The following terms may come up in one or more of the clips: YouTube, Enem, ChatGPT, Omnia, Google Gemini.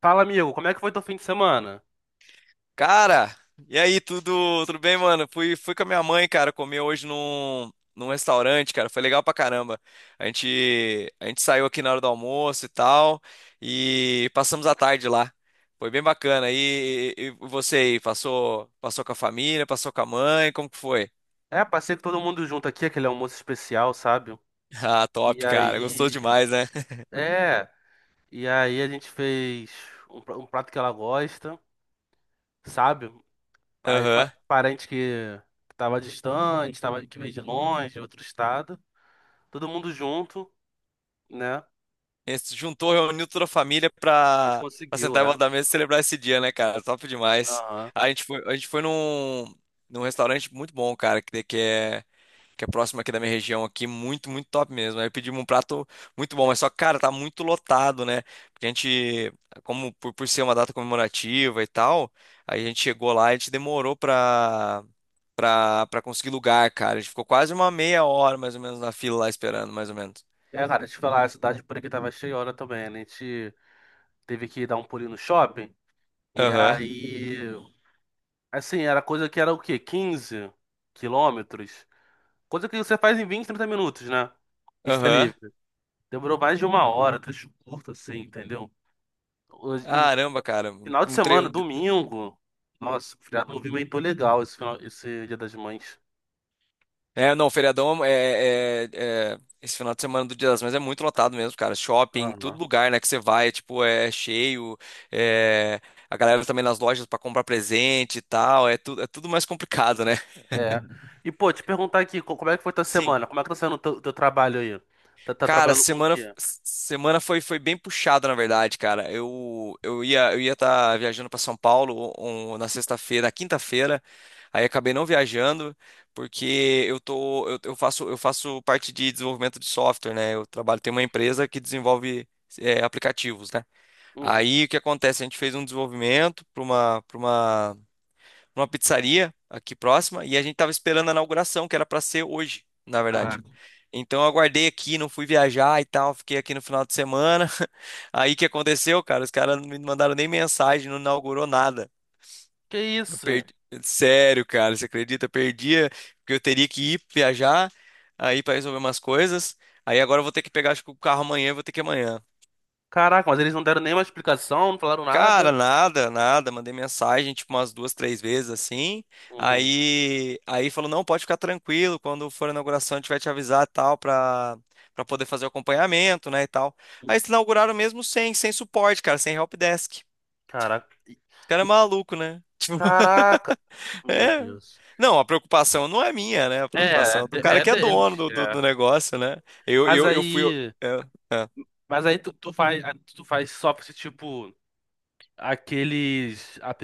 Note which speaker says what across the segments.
Speaker 1: Fala, amigo, como é que foi teu fim de semana?
Speaker 2: Cara, e aí, tudo bem, mano? Fui com a minha mãe, cara, comer hoje num restaurante, cara. Foi legal pra caramba. A gente saiu aqui na hora do almoço e tal, e passamos a tarde lá. Foi bem bacana. E você aí, passou com a família, passou com a mãe, como que foi?
Speaker 1: É, passei com todo mundo junto aqui, aquele almoço especial, sabe?
Speaker 2: Ah,
Speaker 1: E
Speaker 2: top, cara. Gostou
Speaker 1: aí,
Speaker 2: demais, né?
Speaker 1: é, a gente fez um prato que ela gosta, sabe? Aí
Speaker 2: Aham.
Speaker 1: parente que tava distante, tava, que veio de longe, de outro estado, todo mundo junto, né?
Speaker 2: Juntou, reuniu toda a família
Speaker 1: A gente
Speaker 2: pra
Speaker 1: conseguiu,
Speaker 2: sentar em
Speaker 1: é.
Speaker 2: volta da mesa e celebrar esse dia, né, cara? Top demais.
Speaker 1: Aham.
Speaker 2: A gente foi num restaurante muito bom, cara, que é próximo aqui da minha região aqui, muito top mesmo. Aí pedimos um prato muito bom, mas só, que, cara, tá muito lotado, né? Porque a gente, como por ser uma data comemorativa e tal, aí a gente chegou lá e a gente demorou pra conseguir lugar, cara. A gente ficou quase uma meia hora, mais ou menos, na fila lá esperando, mais ou menos.
Speaker 1: É, cara, deixa eu te falar, a cidade por aqui tava cheia hora também, né? A gente teve que dar um pulinho no shopping, e
Speaker 2: Aham,
Speaker 1: aí. Assim, era coisa que era o quê? 15 quilômetros? Coisa que você faz em 20, 30 minutos, né? Pista
Speaker 2: aham.
Speaker 1: livre. Demorou mais de uma hora, trecho curto, assim, entendeu? E
Speaker 2: Caramba, cara.
Speaker 1: final de
Speaker 2: Um
Speaker 1: semana,
Speaker 2: treino.
Speaker 1: domingo. Nossa, o feriado movimentou legal esse, final, esse Dia das Mães.
Speaker 2: É, não, feriadão é. Esse final de semana do Dia das Mães é muito lotado mesmo, cara. Shopping, todo
Speaker 1: Aham.
Speaker 2: lugar, né, que você vai, é, tipo, é cheio. É, a galera também nas lojas pra comprar presente e tal. É, tu... é tudo mais complicado, né?
Speaker 1: É. E, pô, te perguntar aqui, como é que foi tua
Speaker 2: Sim.
Speaker 1: semana? Como é que tá sendo o teu trabalho aí? Tá
Speaker 2: Cara,
Speaker 1: trabalhando com o quê?
Speaker 2: semana foi, foi bem puxada, na verdade, cara. Eu ia estar viajando para São Paulo na sexta-feira, na quinta-feira. Aí acabei não viajando, porque eu tô, eu faço parte de desenvolvimento de software, né? Eu trabalho, tem uma empresa que desenvolve aplicativos, né?
Speaker 1: Uhum.
Speaker 2: Aí o que acontece? A gente fez um desenvolvimento para uma numa pizzaria aqui próxima e a gente tava esperando a inauguração, que era para ser hoje, na
Speaker 1: Ah,
Speaker 2: verdade. Então eu aguardei aqui, não fui viajar e tal, fiquei aqui no final de semana. Aí o que aconteceu, cara? Os caras não me mandaram nem mensagem, não inaugurou nada.
Speaker 1: que
Speaker 2: Eu
Speaker 1: isso?
Speaker 2: perdi... Sério, cara, você acredita? Eu perdia, porque eu teria que ir viajar aí para resolver umas coisas. Aí agora eu vou ter que pegar, acho que o carro amanhã, eu vou ter que ir amanhã.
Speaker 1: Caraca, mas eles não deram nenhuma explicação, não falaram
Speaker 2: Cara,
Speaker 1: nada?
Speaker 2: nada, nada. Mandei mensagem, tipo, umas duas, três vezes assim.
Speaker 1: Uhum.
Speaker 2: Aí falou: não, pode ficar tranquilo, quando for a inauguração a gente vai te avisar e tal, pra poder fazer o acompanhamento, né, e tal. Aí eles inauguraram mesmo sem suporte, cara, sem helpdesk.
Speaker 1: Caraca.
Speaker 2: Esse cara é maluco, né? Tipo,
Speaker 1: Caraca! Meu
Speaker 2: é.
Speaker 1: Deus.
Speaker 2: Não, a preocupação não é minha, né? A
Speaker 1: É, é
Speaker 2: preocupação é do
Speaker 1: de-
Speaker 2: cara
Speaker 1: é
Speaker 2: que é dono
Speaker 1: deles. É.
Speaker 2: do negócio, né? Eu,
Speaker 1: Mas
Speaker 2: eu, eu fui.
Speaker 1: aí.
Speaker 2: É, é.
Speaker 1: Mas aí tu faz só pra esse tipo aqueles app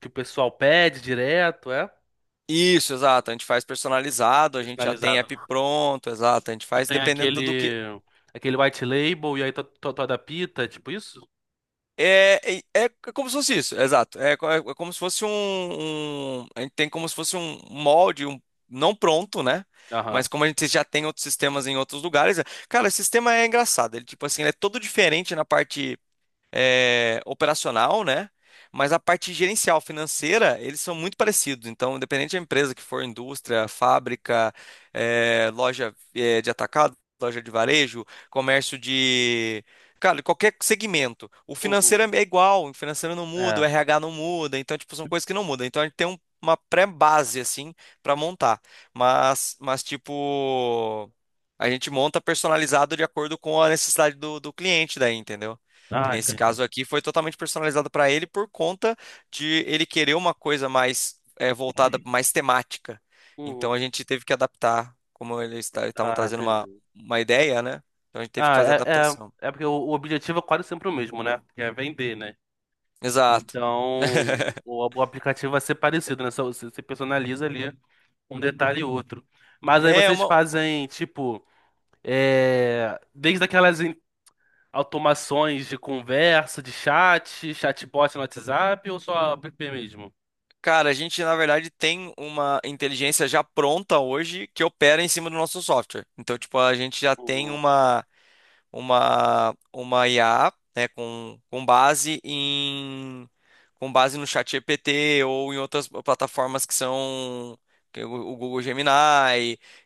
Speaker 1: que o pessoal pede direto, é?
Speaker 2: Isso, exato. A gente faz personalizado, a gente já tem
Speaker 1: Personalizado,
Speaker 2: app
Speaker 1: né?
Speaker 2: pronto, exato. A gente
Speaker 1: Tu
Speaker 2: faz
Speaker 1: tem
Speaker 2: dependendo do que.
Speaker 1: aquele white label e aí tu adapta, é tipo isso?
Speaker 2: É como se fosse isso, exato. É, é como se fosse A gente tem como se fosse um molde, um, não pronto, né? Mas
Speaker 1: Aham.
Speaker 2: como a gente já tem outros sistemas em outros lugares. Cara, esse sistema é engraçado. Ele, tipo assim, ele é todo diferente na parte operacional, né? Mas a parte gerencial, financeira, eles são muito parecidos. Então, independente da empresa que for, indústria, fábrica, é, loja, é, de atacado, loja de varejo, comércio de. Cara, qualquer segmento. O
Speaker 1: Uhum.
Speaker 2: financeiro é igual, o financeiro não muda,
Speaker 1: É.
Speaker 2: o RH não muda. Então, tipo, são coisas que não mudam. Então, a gente tem uma pré-base, assim, para montar. Tipo. A gente monta personalizado de acordo com a necessidade do cliente daí, entendeu? Que
Speaker 1: Ah,
Speaker 2: nesse
Speaker 1: entendi.
Speaker 2: caso aqui foi totalmente personalizado para ele por conta de ele querer uma coisa mais voltada, mais temática.
Speaker 1: Uhum.
Speaker 2: Então a gente teve que adaptar, como eles estavam
Speaker 1: Ah,
Speaker 2: trazendo
Speaker 1: entendi.
Speaker 2: uma ideia, né? Então a gente teve que
Speaker 1: Ah,
Speaker 2: fazer adaptação.
Speaker 1: é, porque o objetivo é quase sempre o mesmo, né? Que é vender, né?
Speaker 2: Exato.
Speaker 1: Então, o aplicativo vai ser parecido, né? Só você personaliza ali um detalhe e outro. Mas aí
Speaker 2: É
Speaker 1: vocês
Speaker 2: uma.
Speaker 1: fazem, tipo, é, desde aquelas automações de conversa, de chat, chatbot no WhatsApp ou só app mesmo?
Speaker 2: Cara, a gente na verdade tem uma inteligência já pronta hoje que opera em cima do nosso software. Então, tipo, a gente já tem
Speaker 1: Uhum.
Speaker 2: uma IA, né, com base em com base no chat GPT ou em outras plataformas que são que é o Google Gemini.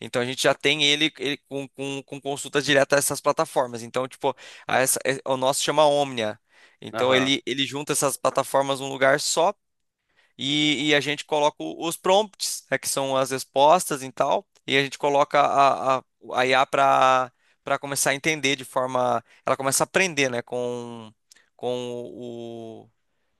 Speaker 2: Então a gente já tem ele, ele com consulta direta a essas plataformas. Então, tipo, a essa, o nosso chama Omnia. Então
Speaker 1: Aham.
Speaker 2: ele junta essas plataformas num lugar só
Speaker 1: Uhum.
Speaker 2: e a gente coloca os prompts, né, que são as respostas e tal, e a gente coloca a IA para começar a entender de forma, ela começa a aprender, né, com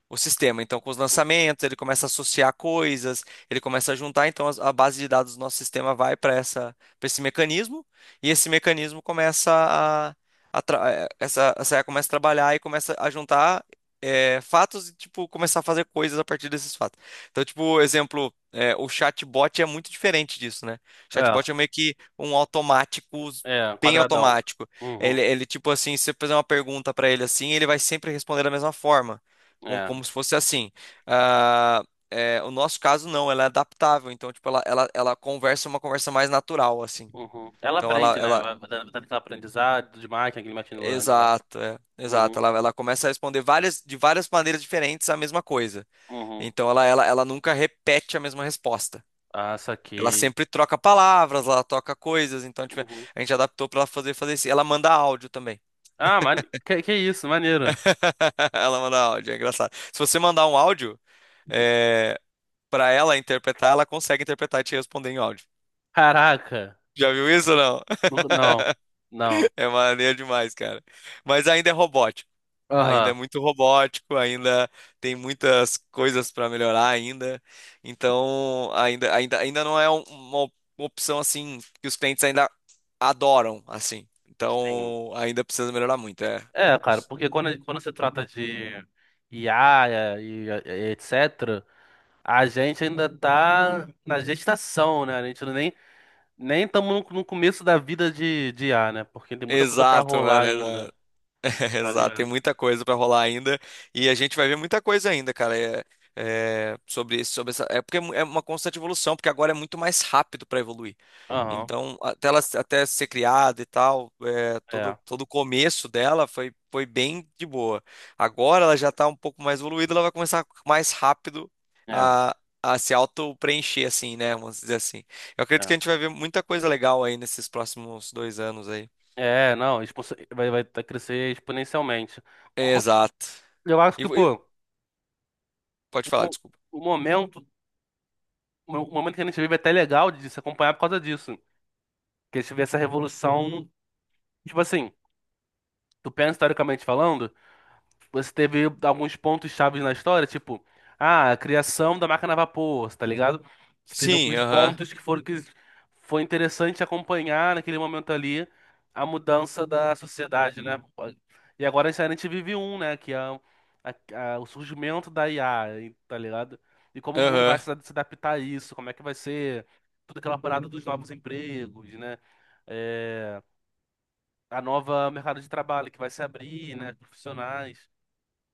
Speaker 2: o sistema. Então, com os lançamentos, ele começa a associar coisas, ele começa a juntar, então a base de dados do nosso sistema vai para essa, para esse mecanismo, e esse mecanismo começa a, essa IA começa a trabalhar e começa a juntar fatos e tipo começar a fazer coisas a partir desses fatos. Então, tipo, exemplo, o chatbot é muito diferente disso, né? O chatbot é meio que um automático
Speaker 1: É, é,
Speaker 2: bem
Speaker 1: quadradão.
Speaker 2: automático.
Speaker 1: Uhum.
Speaker 2: Ele tipo assim, se você fizer uma pergunta para ele assim, ele vai sempre responder da mesma forma
Speaker 1: É.
Speaker 2: como se fosse assim. Ah, é, o nosso caso não, ela é adaptável, então tipo ela conversa uma conversa mais natural assim.
Speaker 1: Uhum. Ela
Speaker 2: Então ela,
Speaker 1: aprende, né?
Speaker 2: ela
Speaker 1: Vai dando aquele aprendizado de máquina, aquele machine learning lá.
Speaker 2: exato, é, exato,
Speaker 1: Uhum.
Speaker 2: ela começa a responder várias de várias maneiras diferentes a mesma coisa.
Speaker 1: Uhum.
Speaker 2: Então ela nunca repete a mesma resposta.
Speaker 1: Ah,
Speaker 2: Ela
Speaker 1: saquei.
Speaker 2: sempre troca palavras, ela troca coisas, então tipo, a gente adaptou para ela fazer isso. Ela manda áudio também.
Speaker 1: Ah, mane... que isso, maneiro.
Speaker 2: Ela manda áudio, é engraçado. Se você mandar um áudio, é, para ela interpretar, ela consegue interpretar e te responder em áudio.
Speaker 1: Caraca.
Speaker 2: Já viu isso ou não?
Speaker 1: Não, não.
Speaker 2: É maneiro demais, cara. Mas ainda é robótico. Ainda é
Speaker 1: Aham,
Speaker 2: muito robótico, ainda tem muitas coisas para melhorar ainda. Então, ainda não é uma opção assim que os clientes ainda adoram, assim.
Speaker 1: sim.
Speaker 2: Então, ainda precisa melhorar muito, é.
Speaker 1: É, cara, porque quando se trata de IA e etc., a gente ainda tá na gestação, né? A gente não nem estamos no começo da vida de IA, né? Porque tem muita coisa pra
Speaker 2: Exato, mano.
Speaker 1: rolar ainda,
Speaker 2: Exato,
Speaker 1: tá
Speaker 2: Exato, tem
Speaker 1: ligado?
Speaker 2: muita coisa para rolar ainda e a gente vai ver muita coisa ainda, cara. É, sobre isso, sobre essa, é porque é uma constante evolução, porque agora é muito mais rápido para evoluir.
Speaker 1: Aham,
Speaker 2: Então, até ela até ser criada e tal, é,
Speaker 1: é,
Speaker 2: todo o começo dela foi, foi bem de boa. Agora ela já está um pouco mais evoluída, ela vai começar mais rápido
Speaker 1: é,
Speaker 2: a, a se auto-preencher, assim, né? Vamos dizer assim. Eu acredito que
Speaker 1: é.
Speaker 2: a gente vai ver muita coisa legal aí nesses próximos dois anos aí.
Speaker 1: É, não, vai tá crescer exponencialmente.
Speaker 2: Exato.
Speaker 1: Eu acho
Speaker 2: E,
Speaker 1: que,
Speaker 2: vo- e-
Speaker 1: pô,
Speaker 2: pode
Speaker 1: o,
Speaker 2: falar,
Speaker 1: mo-
Speaker 2: desculpa.
Speaker 1: o momento o momento que a gente vive é até legal de se acompanhar por causa disso. Que a gente vê essa revolução, tipo assim, tu pensa historicamente falando. Você teve alguns pontos chaves na história, tipo, ah, a criação da máquina a vapor, tá ligado? Você teve
Speaker 2: Sim,
Speaker 1: alguns
Speaker 2: aham,
Speaker 1: pontos que foram que foi interessante acompanhar naquele momento ali a mudança da sociedade, né? E agora a gente vive um, né? Que é o surgimento da IA, tá ligado? E como o mundo vai
Speaker 2: aham.
Speaker 1: se adaptar a isso, como é que vai ser toda aquela parada dos novos empregos, né? É, a nova mercado de trabalho que vai se abrir, né? Profissionais.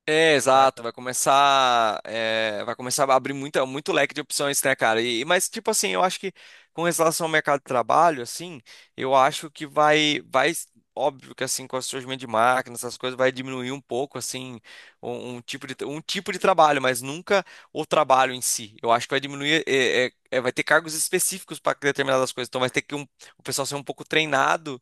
Speaker 2: É,
Speaker 1: Tá?
Speaker 2: exato, vai começar, é, vai começar a abrir muita, muito leque de opções, né, cara? E, mas, tipo assim, eu acho que com relação ao mercado de trabalho, assim, eu acho que vai, óbvio que assim, com o surgimento de máquinas, essas coisas, vai diminuir um pouco, assim, um tipo de trabalho, mas nunca o trabalho em si. Eu acho que vai diminuir, é, vai ter cargos específicos para determinadas coisas, então vai ter que o pessoal ser um pouco treinado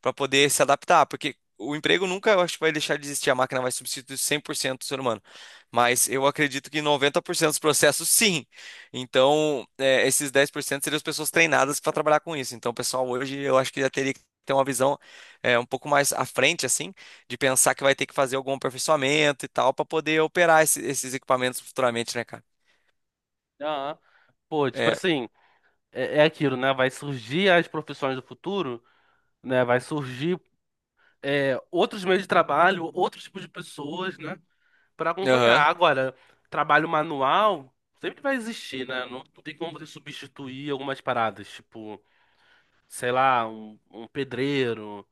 Speaker 2: para poder se adaptar, porque o emprego nunca, eu acho que vai deixar de existir, a máquina vai substituir 100% do ser humano. Mas eu acredito que 90% dos processos, sim. Então, é, esses 10% seriam as pessoas treinadas para trabalhar com isso. Então, pessoal, hoje eu acho que já teria que ter uma visão um pouco mais à frente, assim, de pensar que vai ter que fazer algum aperfeiçoamento e tal, para poder operar esses equipamentos futuramente, né, cara?
Speaker 1: Aham. Pô, tipo
Speaker 2: É,
Speaker 1: assim, é aquilo, né? Vai surgir as profissões do futuro, né? Vai surgir é, outros meios de trabalho, outros tipos de pessoas, né? Pra
Speaker 2: aham.
Speaker 1: acompanhar. Agora, trabalho manual sempre vai existir, né? Não, não tem como você substituir algumas paradas, tipo, sei lá, um pedreiro,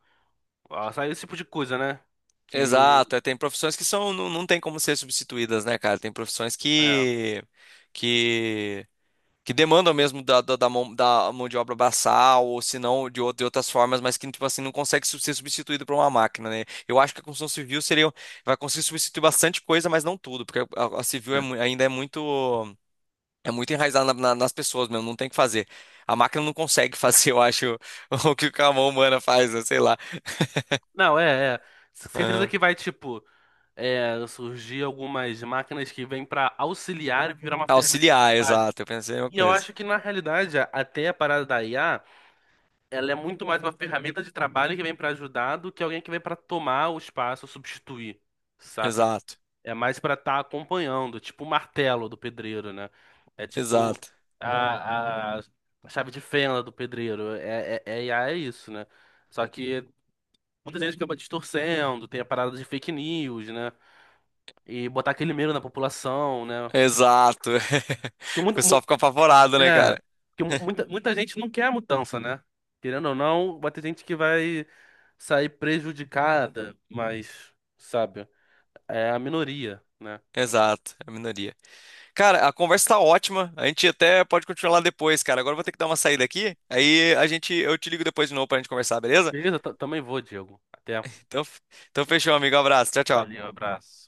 Speaker 1: ó, sabe? Esse tipo de coisa, né? Que.
Speaker 2: Exato, é, tem profissões que são, não, não tem como ser substituídas, né, cara? Tem profissões
Speaker 1: É.
Speaker 2: que, que demandam mesmo da mão de obra braçal, ou se não, de, de outras formas, mas que, tipo assim, não consegue ser substituído por uma máquina, né? Eu acho que a construção civil seria, vai conseguir substituir bastante coisa, mas não tudo, porque a, ainda é muito enraizada nas pessoas mesmo, não tem o que fazer. A máquina não consegue fazer, eu acho, o que a mão humana faz, né? Sei lá.
Speaker 1: Não, é, é. Certeza
Speaker 2: Aham.
Speaker 1: que vai, tipo, surgir algumas máquinas que vêm para auxiliar e virar uma ferramenta de
Speaker 2: Auxiliar,
Speaker 1: trabalho.
Speaker 2: exato, eu pensei a mesma
Speaker 1: E eu
Speaker 2: coisa.
Speaker 1: acho que, na realidade, até a parada da IA, ela é muito mais uma ferramenta de trabalho que vem para ajudar do que alguém que vem para tomar o espaço, substituir, saca?
Speaker 2: Exato,
Speaker 1: É mais para estar acompanhando, tipo o martelo do pedreiro, né? É tipo
Speaker 2: exato,
Speaker 1: a, a, a chave de fenda do pedreiro. IA é isso, né? Só que muita gente acaba distorcendo, tem a parada de fake news, né? E botar aquele medo na população, né?
Speaker 2: exato.
Speaker 1: Porque,
Speaker 2: O
Speaker 1: muito,
Speaker 2: pessoal
Speaker 1: mu-
Speaker 2: fica apavorado, né,
Speaker 1: é,
Speaker 2: cara?
Speaker 1: porque mu- muita, muita gente não quer a mudança, né? Querendo ou não, vai ter gente que vai sair prejudicada, mas, sabe, é a minoria, né?
Speaker 2: Exato, é a minoria. Cara, a conversa tá ótima. A gente até pode continuar lá depois, cara. Agora eu vou ter que dar uma saída aqui. Aí a gente, eu te ligo depois de novo pra gente conversar, beleza?
Speaker 1: Beleza, também vou, Diego. Até.
Speaker 2: Então, então fechou, amigo. Abraço. Tchau, tchau.
Speaker 1: Valeu, abraço.